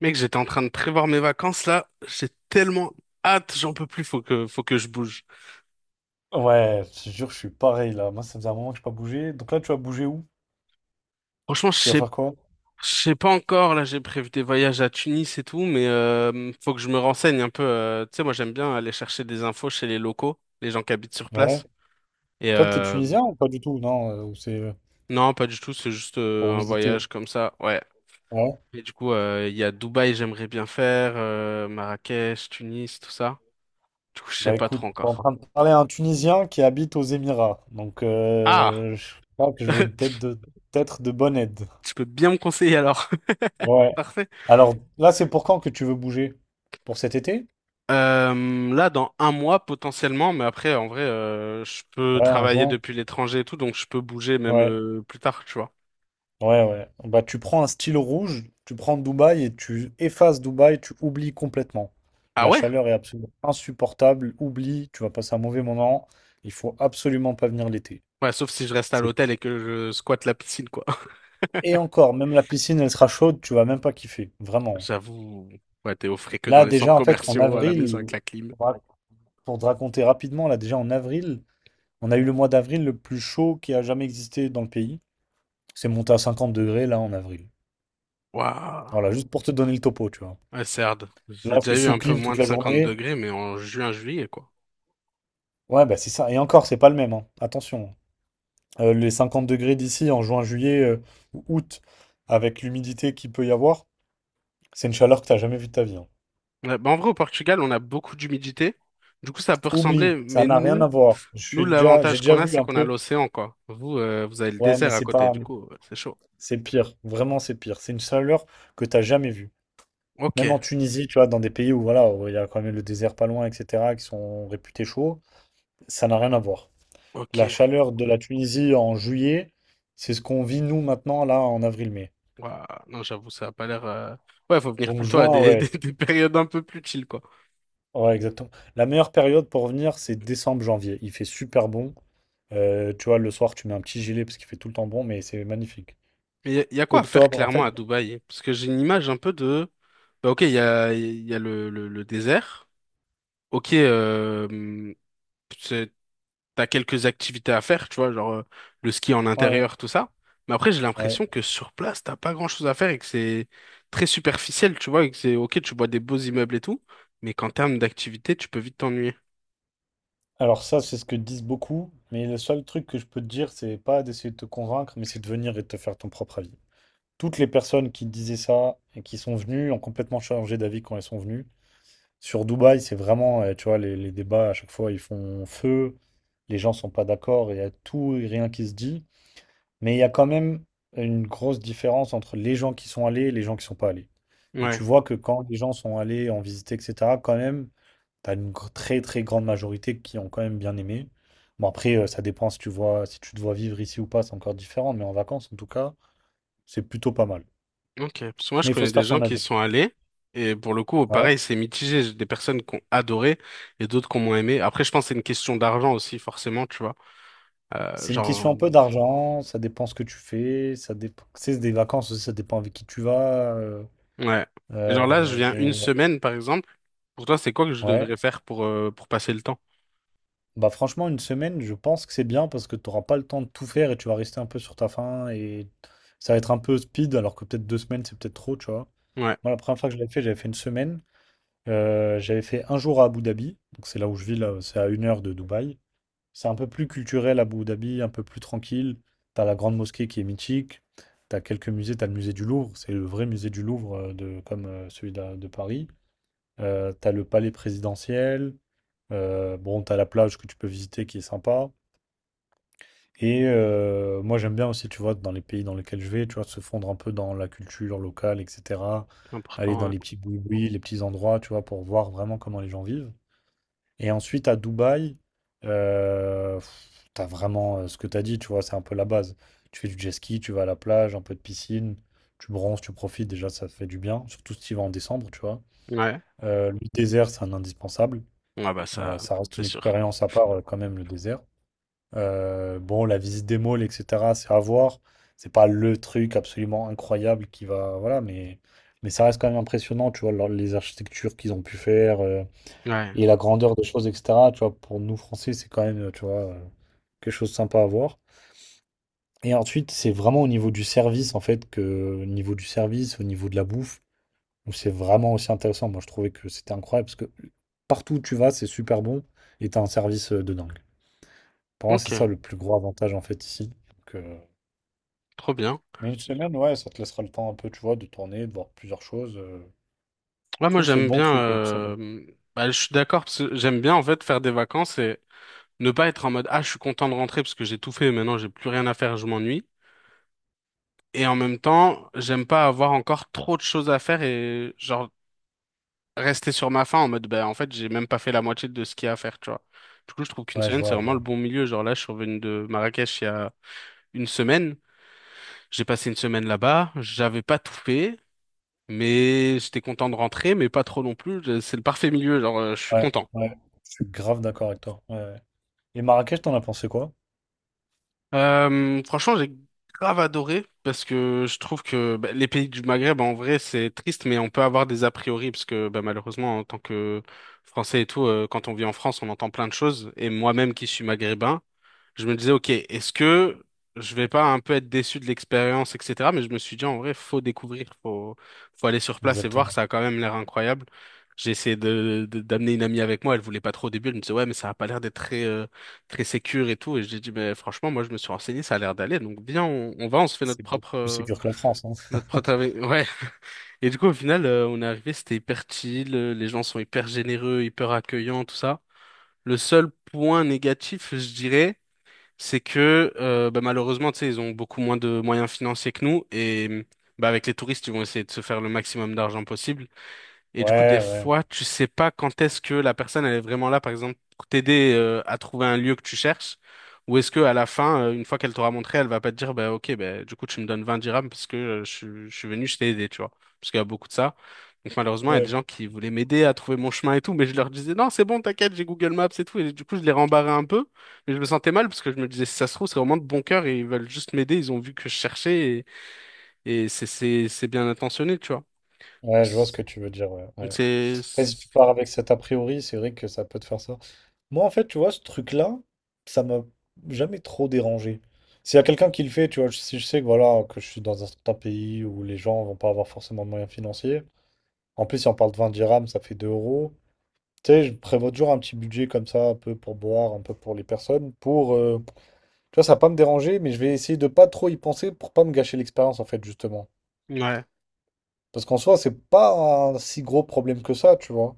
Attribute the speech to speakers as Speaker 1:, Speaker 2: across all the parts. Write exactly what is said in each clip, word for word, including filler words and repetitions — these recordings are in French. Speaker 1: Mec, j'étais en train de prévoir mes vacances là. J'ai tellement hâte, j'en peux plus. Faut que, faut que je bouge.
Speaker 2: Ouais, je te jure, je suis pareil là. Moi, ça faisait un moment que je n'ai pas bougé. Donc là, tu vas bouger où?
Speaker 1: Franchement, je
Speaker 2: Tu vas
Speaker 1: sais,
Speaker 2: faire quoi?
Speaker 1: je sais pas encore. Là, j'ai prévu des voyages à Tunis et tout, mais euh, faut que je me renseigne un peu. euh, tu sais, moi, j'aime bien aller chercher des infos chez les locaux, les gens qui habitent sur
Speaker 2: Ouais.
Speaker 1: place. Et
Speaker 2: Toi, t'es
Speaker 1: euh,
Speaker 2: tunisien ou pas du tout? Non, euh, ou c'est euh,
Speaker 1: non, pas du tout. C'est juste euh,
Speaker 2: pour
Speaker 1: un
Speaker 2: visiter.
Speaker 1: voyage comme ça. Ouais.
Speaker 2: Ouais.
Speaker 1: Et du coup, euh, il y a Dubaï, j'aimerais bien faire, euh, Marrakech, Tunis, tout ça. Du coup, je sais
Speaker 2: Bah
Speaker 1: pas
Speaker 2: écoute,
Speaker 1: trop
Speaker 2: je suis en
Speaker 1: encore.
Speaker 2: train de parler à un Tunisien qui habite aux Émirats. Donc
Speaker 1: Ah,
Speaker 2: euh, je crois que je vais être
Speaker 1: tu
Speaker 2: de, être de bonne aide.
Speaker 1: tu peux bien me conseiller alors.
Speaker 2: Ouais.
Speaker 1: Parfait.
Speaker 2: Alors là, c'est pour quand que tu veux bouger? Pour cet été?
Speaker 1: Euh, là, dans un mois potentiellement, mais après, en vrai, euh, je peux
Speaker 2: Ouais, en
Speaker 1: travailler
Speaker 2: juin.
Speaker 1: depuis l'étranger et tout, donc je peux bouger même
Speaker 2: Ouais.
Speaker 1: euh, plus tard, tu vois.
Speaker 2: Ouais, ouais. Bah, tu prends un stylo rouge, tu prends Dubaï et tu effaces Dubaï, tu oublies complètement.
Speaker 1: Ah
Speaker 2: La
Speaker 1: ouais?
Speaker 2: chaleur est absolument insupportable, oublie, tu vas passer un mauvais moment. Il faut absolument pas venir l'été.
Speaker 1: Ouais, sauf si je reste à
Speaker 2: C'est-
Speaker 1: l'hôtel et que je squatte la piscine, quoi.
Speaker 2: Et encore, même la piscine, elle sera chaude, tu vas même pas kiffer, vraiment.
Speaker 1: J'avoue, ouais, t'es au frais que dans
Speaker 2: Là,
Speaker 1: les centres
Speaker 2: déjà, en fait, en
Speaker 1: commerciaux, à la maison
Speaker 2: avril,
Speaker 1: avec la clim.
Speaker 2: pour te raconter rapidement, là, déjà en avril, on a eu le mois d'avril le plus chaud qui a jamais existé dans le pays. C'est monté à cinquante degrés, là, en avril.
Speaker 1: Waouh.
Speaker 2: Voilà, juste pour te donner le topo, tu vois.
Speaker 1: Ouais, c'est hard.
Speaker 2: Là,
Speaker 1: J'ai
Speaker 2: je
Speaker 1: déjà
Speaker 2: suis
Speaker 1: eu
Speaker 2: sous
Speaker 1: un peu
Speaker 2: clim
Speaker 1: moins
Speaker 2: toute
Speaker 1: de
Speaker 2: la
Speaker 1: cinquante
Speaker 2: journée.
Speaker 1: degrés, mais en juin, juillet, quoi.
Speaker 2: Ouais, bah c'est ça. Et encore, c'est pas le même, hein. Attention. Euh, les cinquante degrés d'ici en juin, juillet euh, ou août, avec l'humidité qu'il peut y avoir, c'est une chaleur que t'as jamais vue de ta vie. Hein.
Speaker 1: Ouais, bah en vrai, au Portugal, on a beaucoup d'humidité. Du coup, ça peut
Speaker 2: Oublie,
Speaker 1: ressembler,
Speaker 2: ça
Speaker 1: mais
Speaker 2: n'a rien à
Speaker 1: nous,
Speaker 2: voir. Je
Speaker 1: nous,
Speaker 2: suis déjà, j'ai
Speaker 1: l'avantage
Speaker 2: déjà
Speaker 1: qu'on a,
Speaker 2: vu
Speaker 1: c'est
Speaker 2: un
Speaker 1: qu'on a
Speaker 2: peu.
Speaker 1: l'océan, quoi. Vous, euh, vous avez le
Speaker 2: Ouais, mais
Speaker 1: désert à
Speaker 2: c'est
Speaker 1: côté,
Speaker 2: pas,
Speaker 1: du coup, euh, c'est chaud.
Speaker 2: c'est pire. Vraiment, c'est pire. C'est une chaleur que t'as jamais vue.
Speaker 1: Ok,
Speaker 2: Même en Tunisie, tu vois, dans des pays où voilà, où il y a quand même le désert pas loin, et cetera, qui sont réputés chauds, ça n'a rien à voir. La
Speaker 1: ok.
Speaker 2: chaleur de la Tunisie en juillet, c'est ce qu'on vit nous maintenant là en avril-mai.
Speaker 1: Ouah, non, j'avoue, ça a pas l'air. euh, Ouais, faut venir
Speaker 2: Donc
Speaker 1: plutôt à
Speaker 2: juin,
Speaker 1: des, des,
Speaker 2: ouais.
Speaker 1: des périodes un peu plus chill, quoi.
Speaker 2: Ouais, exactement. La meilleure période pour venir, c'est décembre-janvier. Il fait super bon. Euh, tu vois, le soir, tu mets un petit gilet parce qu'il fait tout le temps bon, mais c'est magnifique.
Speaker 1: Mais il y, y a quoi à faire
Speaker 2: Octobre, en
Speaker 1: clairement
Speaker 2: fait,
Speaker 1: à Dubaï? Parce que j'ai une image un peu de. Bah, ok, il y a, y a le, le, le désert. Ok, euh, t'as quelques activités à faire, tu vois, genre euh, le ski en
Speaker 2: ouais, ouais,
Speaker 1: intérieur, tout ça. Mais après, j'ai
Speaker 2: ouais.
Speaker 1: l'impression que sur place, t'as pas grand-chose à faire et que c'est très superficiel, tu vois, et que c'est ok, tu vois des beaux immeubles et tout, mais qu'en termes d'activité, tu peux vite t'ennuyer.
Speaker 2: Alors ça, c'est ce que disent beaucoup, mais le seul truc que je peux te dire, c'est pas d'essayer de te convaincre, mais c'est de venir et de te faire ton propre avis. Toutes les personnes qui disaient ça et qui sont venues ont complètement changé d'avis quand elles sont venues. Sur Dubaï, c'est vraiment, euh, tu vois, les, les débats à chaque fois, ils font feu, les gens sont pas d'accord, il y a tout et rien qui se dit. Mais il y a quand même une grosse différence entre les gens qui sont allés et les gens qui sont pas allés. Et tu
Speaker 1: Ouais,
Speaker 2: vois que quand les gens sont allés en visiter, et cetera, quand même, tu as une gr- très très grande majorité qui ont quand même bien aimé. Bon après, euh, ça dépend si tu vois, si tu te vois vivre ici ou pas, c'est encore différent, mais en vacances, en tout cas, c'est plutôt pas mal.
Speaker 1: ok. Parce que moi, je
Speaker 2: Mais il faut
Speaker 1: connais
Speaker 2: se
Speaker 1: des
Speaker 2: faire
Speaker 1: gens
Speaker 2: son
Speaker 1: qui y
Speaker 2: avis.
Speaker 1: sont allés et pour le coup,
Speaker 2: Ouais.
Speaker 1: pareil, c'est mitigé. J'ai des personnes qui ont adoré et d'autres qui ont moins aimé. Après, je pense que c'est une question d'argent aussi, forcément, tu vois. Euh,
Speaker 2: C'est une question
Speaker 1: genre,
Speaker 2: un peu d'argent, ça dépend ce que tu fais, ça dépend, c'est des vacances aussi, ça dépend avec qui tu vas. euh,
Speaker 1: ouais. Et genre là, je
Speaker 2: euh,
Speaker 1: viens une
Speaker 2: mais
Speaker 1: semaine, par exemple. Pour toi, c'est quoi que je
Speaker 2: ouais.
Speaker 1: devrais faire pour, euh, pour passer le temps?
Speaker 2: Bah franchement, une semaine, je pense que c'est bien parce que tu n'auras pas le temps de tout faire et tu vas rester un peu sur ta faim et ça va être un peu speed alors que peut-être deux semaines, c'est peut-être trop, tu vois.
Speaker 1: Ouais.
Speaker 2: Moi, la première fois que je l'avais fait, j'avais fait une semaine. Euh, j'avais fait un jour à Abu Dhabi, donc c'est là où je vis, là, c'est à une heure de Dubaï. C'est un peu plus culturel, Abu Dhabi, un peu plus tranquille. T'as la grande mosquée qui est mythique, t'as quelques musées, t'as le musée du Louvre, c'est le vrai musée du Louvre euh, de, comme euh, celui de, de Paris. Euh, t'as le palais présidentiel, euh, bon, t'as la plage que tu peux visiter qui est sympa. Et euh, moi, j'aime bien aussi, tu vois, dans les pays dans lesquels je vais, tu vois, se fondre un peu dans la culture locale, et cetera. Aller
Speaker 1: Important,
Speaker 2: dans les
Speaker 1: ouais.
Speaker 2: petits boui les petits endroits, tu vois, pour voir vraiment comment les gens vivent. Et ensuite, à Dubaï, euh, pff, t'as vraiment euh, ce que t'as dit, tu vois, c'est un peu la base. Tu fais du jet ski, tu vas à la plage, un peu de piscine, tu bronzes, tu profites, déjà, ça fait du bien, surtout si tu y vas en décembre, tu vois.
Speaker 1: Ouais.
Speaker 2: Euh, le désert, c'est un indispensable.
Speaker 1: Ouais, bah
Speaker 2: Euh,
Speaker 1: ça,
Speaker 2: ça reste
Speaker 1: c'est
Speaker 2: une
Speaker 1: sûr.
Speaker 2: expérience à part, euh, quand même, le désert. Euh, bon, la visite des malls, et cetera, c'est à voir. C'est pas le truc absolument incroyable qui va. Voilà, mais, mais ça reste quand même impressionnant, tu vois, leur- les architectures qu'ils ont pu faire euh,
Speaker 1: Ouais.
Speaker 2: et la grandeur des choses, et cetera. Tu vois, pour nous Français, c'est quand même, euh, tu vois, euh, quelque chose de sympa à voir. Et ensuite, c'est vraiment au niveau du service, en fait, que au niveau du service, au niveau de la bouffe, où c'est vraiment aussi intéressant. Moi, je trouvais que c'était incroyable parce que partout où tu vas, c'est super bon et t'as un service euh, de dingue. Pour moi, c'est
Speaker 1: Ok,
Speaker 2: ça le plus gros avantage, en fait, ici. Donc, euh,
Speaker 1: trop bien.
Speaker 2: Mais une semaine, ouais, ça te laissera le temps un peu, tu vois, de tourner, de voir plusieurs choses. euh. Je
Speaker 1: Ouais, moi
Speaker 2: trouve que c'est le
Speaker 1: j'aime
Speaker 2: bon
Speaker 1: bien
Speaker 2: truc, une semaine.
Speaker 1: euh, bah, je suis d'accord parce que j'aime bien en fait faire des vacances et ne pas être en mode ah je suis content de rentrer parce que j'ai tout fait, maintenant j'ai plus rien à faire, je m'ennuie. Et en même temps, j'aime pas avoir encore trop de choses à faire et genre rester sur ma faim en mode bah en fait j'ai même pas fait la moitié de ce qu'il y a à faire, tu vois. Du coup, je trouve qu'une
Speaker 2: Ouais, je
Speaker 1: semaine, c'est
Speaker 2: vois, je
Speaker 1: vraiment le
Speaker 2: vois.
Speaker 1: bon milieu. Genre là, je suis revenu de Marrakech il y a une semaine. J'ai passé une semaine là-bas. J'avais pas tout fait, mais j'étais content de rentrer, mais pas trop non plus. Je- C'est le parfait milieu, genre euh, je suis
Speaker 2: Ouais,
Speaker 1: content.
Speaker 2: ouais, je suis grave d'accord avec toi. Ouais. Ouais. Et Marrakech, t'en as pensé quoi?
Speaker 1: Euh, franchement, j'ai grave adoré parce que je trouve que bah, les pays du Maghreb, en vrai, c'est triste, mais on peut avoir des a priori parce que bah, malheureusement, en tant que Français et tout, euh, quand on vit en France, on entend plein de choses. Et moi-même qui suis maghrébin, je me disais, ok, est-ce que je vais pas un peu être déçu de l'expérience, et cetera. Mais je me suis dit, en vrai, faut découvrir, faut, faut aller sur place et voir,
Speaker 2: Exactement.
Speaker 1: ça a quand même l'air incroyable. J'ai essayé de, de- d'amener une amie avec moi, elle voulait pas trop au début, elle me disait, ouais, mais ça a pas l'air d'être très, euh, très sécure et tout. Et j'ai dit, mais franchement, moi, je me suis renseigné, ça a l'air d'aller, donc viens, on, on va, on se fait notre
Speaker 2: C'est beaucoup
Speaker 1: propre,
Speaker 2: plus
Speaker 1: euh,
Speaker 2: sécure que la France, hein.
Speaker 1: notre propre, avis. ouais. Et du coup, au final, euh, on est arrivé, c'était hyper chill, euh, les gens sont hyper généreux, hyper accueillants, tout ça. Le seul point négatif, je dirais, c'est que euh, bah, malheureusement, tu sais, ils ont beaucoup moins de moyens financiers que nous et bah, avec les touristes, ils vont essayer de se faire le maximum d'argent possible. Et du coup, des
Speaker 2: Ouais, ouais,
Speaker 1: fois, tu sais pas quand est-ce que la personne elle est vraiment là, par exemple, pour t'aider euh, à trouver un lieu que tu cherches, ou est-ce que à la fin, euh, une fois qu'elle t'aura montré, elle va pas te dire, bah ok, bah, du coup, tu me donnes vingt dirhams parce que euh, je, suis je suis venu, je t'ai aidé, tu vois, parce qu'il y a beaucoup de ça. Donc malheureusement, il y a des
Speaker 2: ouais.
Speaker 1: gens qui voulaient m'aider à trouver mon chemin et tout, mais je leur disais, non, c'est bon, t'inquiète, j'ai Google Maps et tout, et du coup, je les rembarrais un peu, mais je me sentais mal parce que je me disais, si ça se trouve, c'est vraiment de bon cœur et ils veulent juste m'aider, ils ont vu que je cherchais et, et c'est c'est c'est bien intentionné, tu vois.
Speaker 2: Ouais, je vois ce que tu veux dire, ouais.
Speaker 1: Donc
Speaker 2: Ouais.
Speaker 1: c'est
Speaker 2: Après, si tu pars avec cet a priori, c'est vrai que ça peut te faire ça. Moi, en fait, tu vois, ce truc-là, ça m'a jamais trop dérangé. S'il y a quelqu'un qui le fait, tu vois, si je sais que voilà, que je suis dans un certain pays où les gens vont pas avoir forcément de moyens financiers. En plus, si on parle de vingt dirhams, ça fait deux euros. Tu sais, je prévois toujours un petit budget comme ça, un peu pour boire, un peu pour les personnes, pour... euh, Tu vois, ça va pas me déranger, mais je vais essayer de pas trop y penser pour pas me gâcher l'expérience, en fait, justement.
Speaker 1: ouais,
Speaker 2: Parce qu'en soi, c'est pas un si gros problème que ça, tu vois.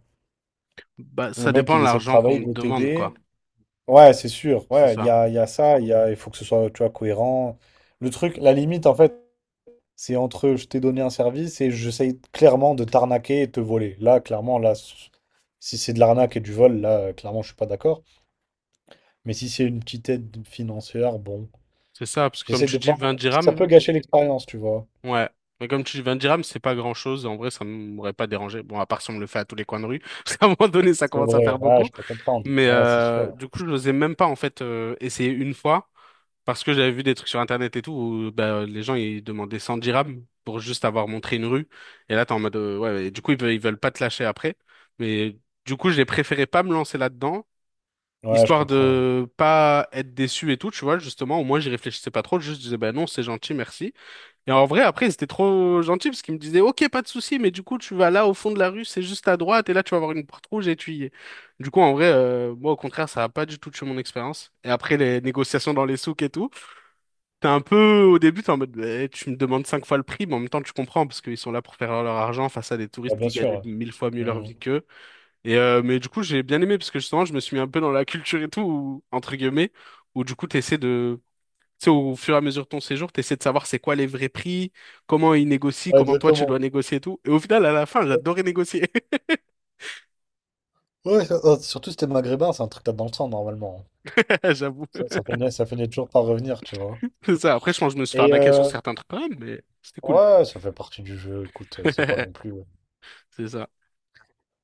Speaker 1: bah,
Speaker 2: Le
Speaker 1: ça
Speaker 2: mec,
Speaker 1: dépend de
Speaker 2: il essaie de
Speaker 1: l'argent qu'on
Speaker 2: travailler, il
Speaker 1: te
Speaker 2: veut
Speaker 1: demande, quoi.
Speaker 2: t'aider. Ouais, c'est sûr.
Speaker 1: C'est
Speaker 2: Ouais, il y
Speaker 1: ça.
Speaker 2: a, il y a ça, il y a, il faut que ce soit, tu vois, cohérent. Le truc, la limite, en fait, c'est entre je t'ai donné un service et j'essaye clairement de t'arnaquer et te voler. Là, clairement, là, s- si c'est de l'arnaque et du vol, là, euh, clairement, je suis pas d'accord. Mais si c'est une petite aide financière, bon,
Speaker 1: C'est ça, parce que comme
Speaker 2: j'essaie de
Speaker 1: tu dis
Speaker 2: pas.
Speaker 1: vingt
Speaker 2: Ça peut
Speaker 1: dirhams,
Speaker 2: gâcher l'expérience, tu vois.
Speaker 1: ouais. Mais comme tu dis vingt dirhams, c'est pas grand-chose. En vrai, ça m'aurait pas dérangé. Bon, à part si on me le fait à tous les coins de rue, parce qu'à un moment donné, ça
Speaker 2: C'est
Speaker 1: commence à faire
Speaker 2: vrai. Ouais,
Speaker 1: beaucoup.
Speaker 2: je peux comprendre.
Speaker 1: Mais
Speaker 2: Ouais, c'est
Speaker 1: euh,
Speaker 2: sûr.
Speaker 1: du coup, je n'osais même pas, en fait, euh, essayer une fois, parce que j'avais vu des trucs sur Internet et tout, où bah, les gens, ils demandaient cent dirhams pour juste avoir montré une rue. Et là, t'es en mode, euh, ouais, et du coup, ils veulent, ils veulent pas te lâcher après. Mais du coup, j'ai préféré pas me lancer là-dedans.
Speaker 2: Ouais, je
Speaker 1: Histoire
Speaker 2: comprends. Ouais.
Speaker 1: de pas être déçu et tout, tu vois, justement, au moins j'y réfléchissais pas trop, juste je disais, bah non, c'est gentil, merci. Et en vrai, après, c'était trop gentil parce qu'ils me disaient, ok, pas de souci, mais du coup, tu vas là au fond de la rue, c'est juste à droite, et là, tu vas avoir une porte rouge et tu y es. Du coup, en vrai, euh, moi, au contraire, ça a pas du tout tué mon expérience. Et après, les négociations dans les souks et tout, t'es un peu, au début, t'es en mode, bah, tu me demandes cinq fois le prix, mais en même temps, tu comprends parce qu'ils sont là pour faire leur argent face à des
Speaker 2: Ouais,
Speaker 1: touristes
Speaker 2: bien
Speaker 1: qui
Speaker 2: sûr.
Speaker 1: gagnent
Speaker 2: Ouais,
Speaker 1: mille fois mieux leur
Speaker 2: Mm.
Speaker 1: vie qu'eux. Et euh, mais du coup, j'ai bien aimé parce que justement, je me suis mis un peu dans la culture et tout, où- entre guillemets, où du coup, t'essaies de, tu sais, au fur et à mesure de ton séjour, t'essaies de savoir c'est quoi les vrais prix, comment ils négocient,
Speaker 2: Ouais,
Speaker 1: comment toi tu dois
Speaker 2: exactement.
Speaker 1: négocier et tout. Et au final, à la fin, j'adorais négocier,
Speaker 2: Ouais, ça- euh, surtout si t'es maghrébin, c'est un truc que t'as dans le sang, normalement.
Speaker 1: j'avoue.
Speaker 2: Ça, ça finit, ça finit toujours par revenir, tu vois.
Speaker 1: C'est ça. Après, je pense que je me suis fait
Speaker 2: Et
Speaker 1: arnaquer sur
Speaker 2: euh,
Speaker 1: certains trucs quand même, mais c'était cool.
Speaker 2: ouais, ça fait partie du jeu, écoute, c'est pas non plus. Ouais.
Speaker 1: C'est ça.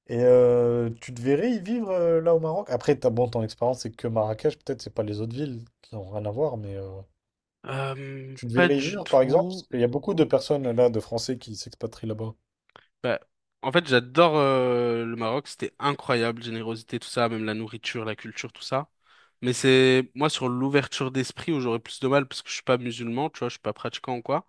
Speaker 2: Et euh, tu te verrais y vivre euh, là au Maroc? Après, t'as, bon, ton expérience, c'est que Marrakech, peut-être, c'est pas les autres villes qui n'ont rien à voir, mais euh,
Speaker 1: Euh,
Speaker 2: tu te
Speaker 1: pas
Speaker 2: verrais y
Speaker 1: du
Speaker 2: vivre, par exemple? Parce
Speaker 1: tout.
Speaker 2: qu'il y a beaucoup de personnes là, de Français, qui s'expatrient là-bas.
Speaker 1: Bah, en fait, j'adore euh, le Maroc, c'était incroyable, générosité, tout ça, même la nourriture, la culture, tout ça. Mais c'est moi sur l'ouverture d'esprit où j'aurais plus de mal parce que je suis pas musulman, tu vois, je suis pas pratiquant ou quoi.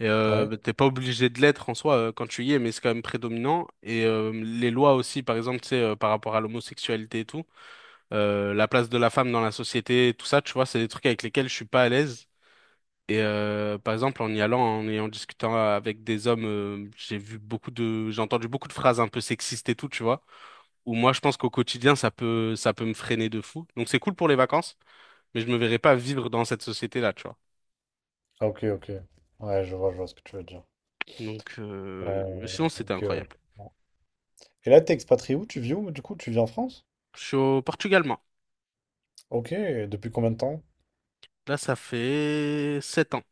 Speaker 1: Et euh,
Speaker 2: Ouais?
Speaker 1: bah, t'es pas obligé de l'être en soi euh, quand tu y es, mais c'est quand même prédominant. Et euh, les lois aussi, par exemple, tu sais, euh, par rapport à l'homosexualité et tout, euh, la place de la femme dans la société, tout ça, tu vois, c'est des trucs avec lesquels je suis pas à l'aise. Et euh, par exemple, en y allant en- et en discutant avec des hommes, euh, j'ai vu beaucoup de, j'ai entendu beaucoup de phrases un peu sexistes et tout, tu vois. Où moi, je pense qu'au quotidien, ça peut, ça peut me freiner de fou. Donc c'est cool pour les vacances, mais je me verrais pas vivre dans cette société-là, tu vois.
Speaker 2: Ah, ok, ok. Ouais, je vois, je vois ce que tu veux dire.
Speaker 1: Donc euh,
Speaker 2: Euh,
Speaker 1: mais sinon, c'était
Speaker 2: ok, ouais.
Speaker 1: incroyable.
Speaker 2: Et là, t'es expatrié où? Tu vis où, du coup? Tu vis en France?
Speaker 1: Je suis au Portugal, moi.
Speaker 2: Ok, depuis combien de temps?
Speaker 1: Là, ça fait sept ans.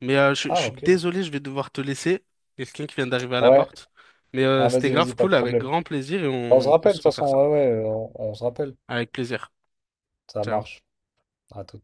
Speaker 1: Mais euh, je, je
Speaker 2: Ah,
Speaker 1: suis
Speaker 2: ok.
Speaker 1: désolé, je vais devoir te laisser. Il y a quelqu'un qui vient d'arriver à la
Speaker 2: Ouais.
Speaker 1: porte. Mais euh,
Speaker 2: Ah,
Speaker 1: c'était
Speaker 2: vas-y,
Speaker 1: grave
Speaker 2: vas-y, pas de
Speaker 1: cool, avec
Speaker 2: problème.
Speaker 1: grand plaisir, et
Speaker 2: Bah, on se
Speaker 1: on peut
Speaker 2: rappelle, de
Speaker 1: se
Speaker 2: toute façon,
Speaker 1: refaire ça.
Speaker 2: ouais, ouais, on, on se rappelle.
Speaker 1: Avec plaisir.
Speaker 2: Ça
Speaker 1: Ciao.
Speaker 2: marche. À tout.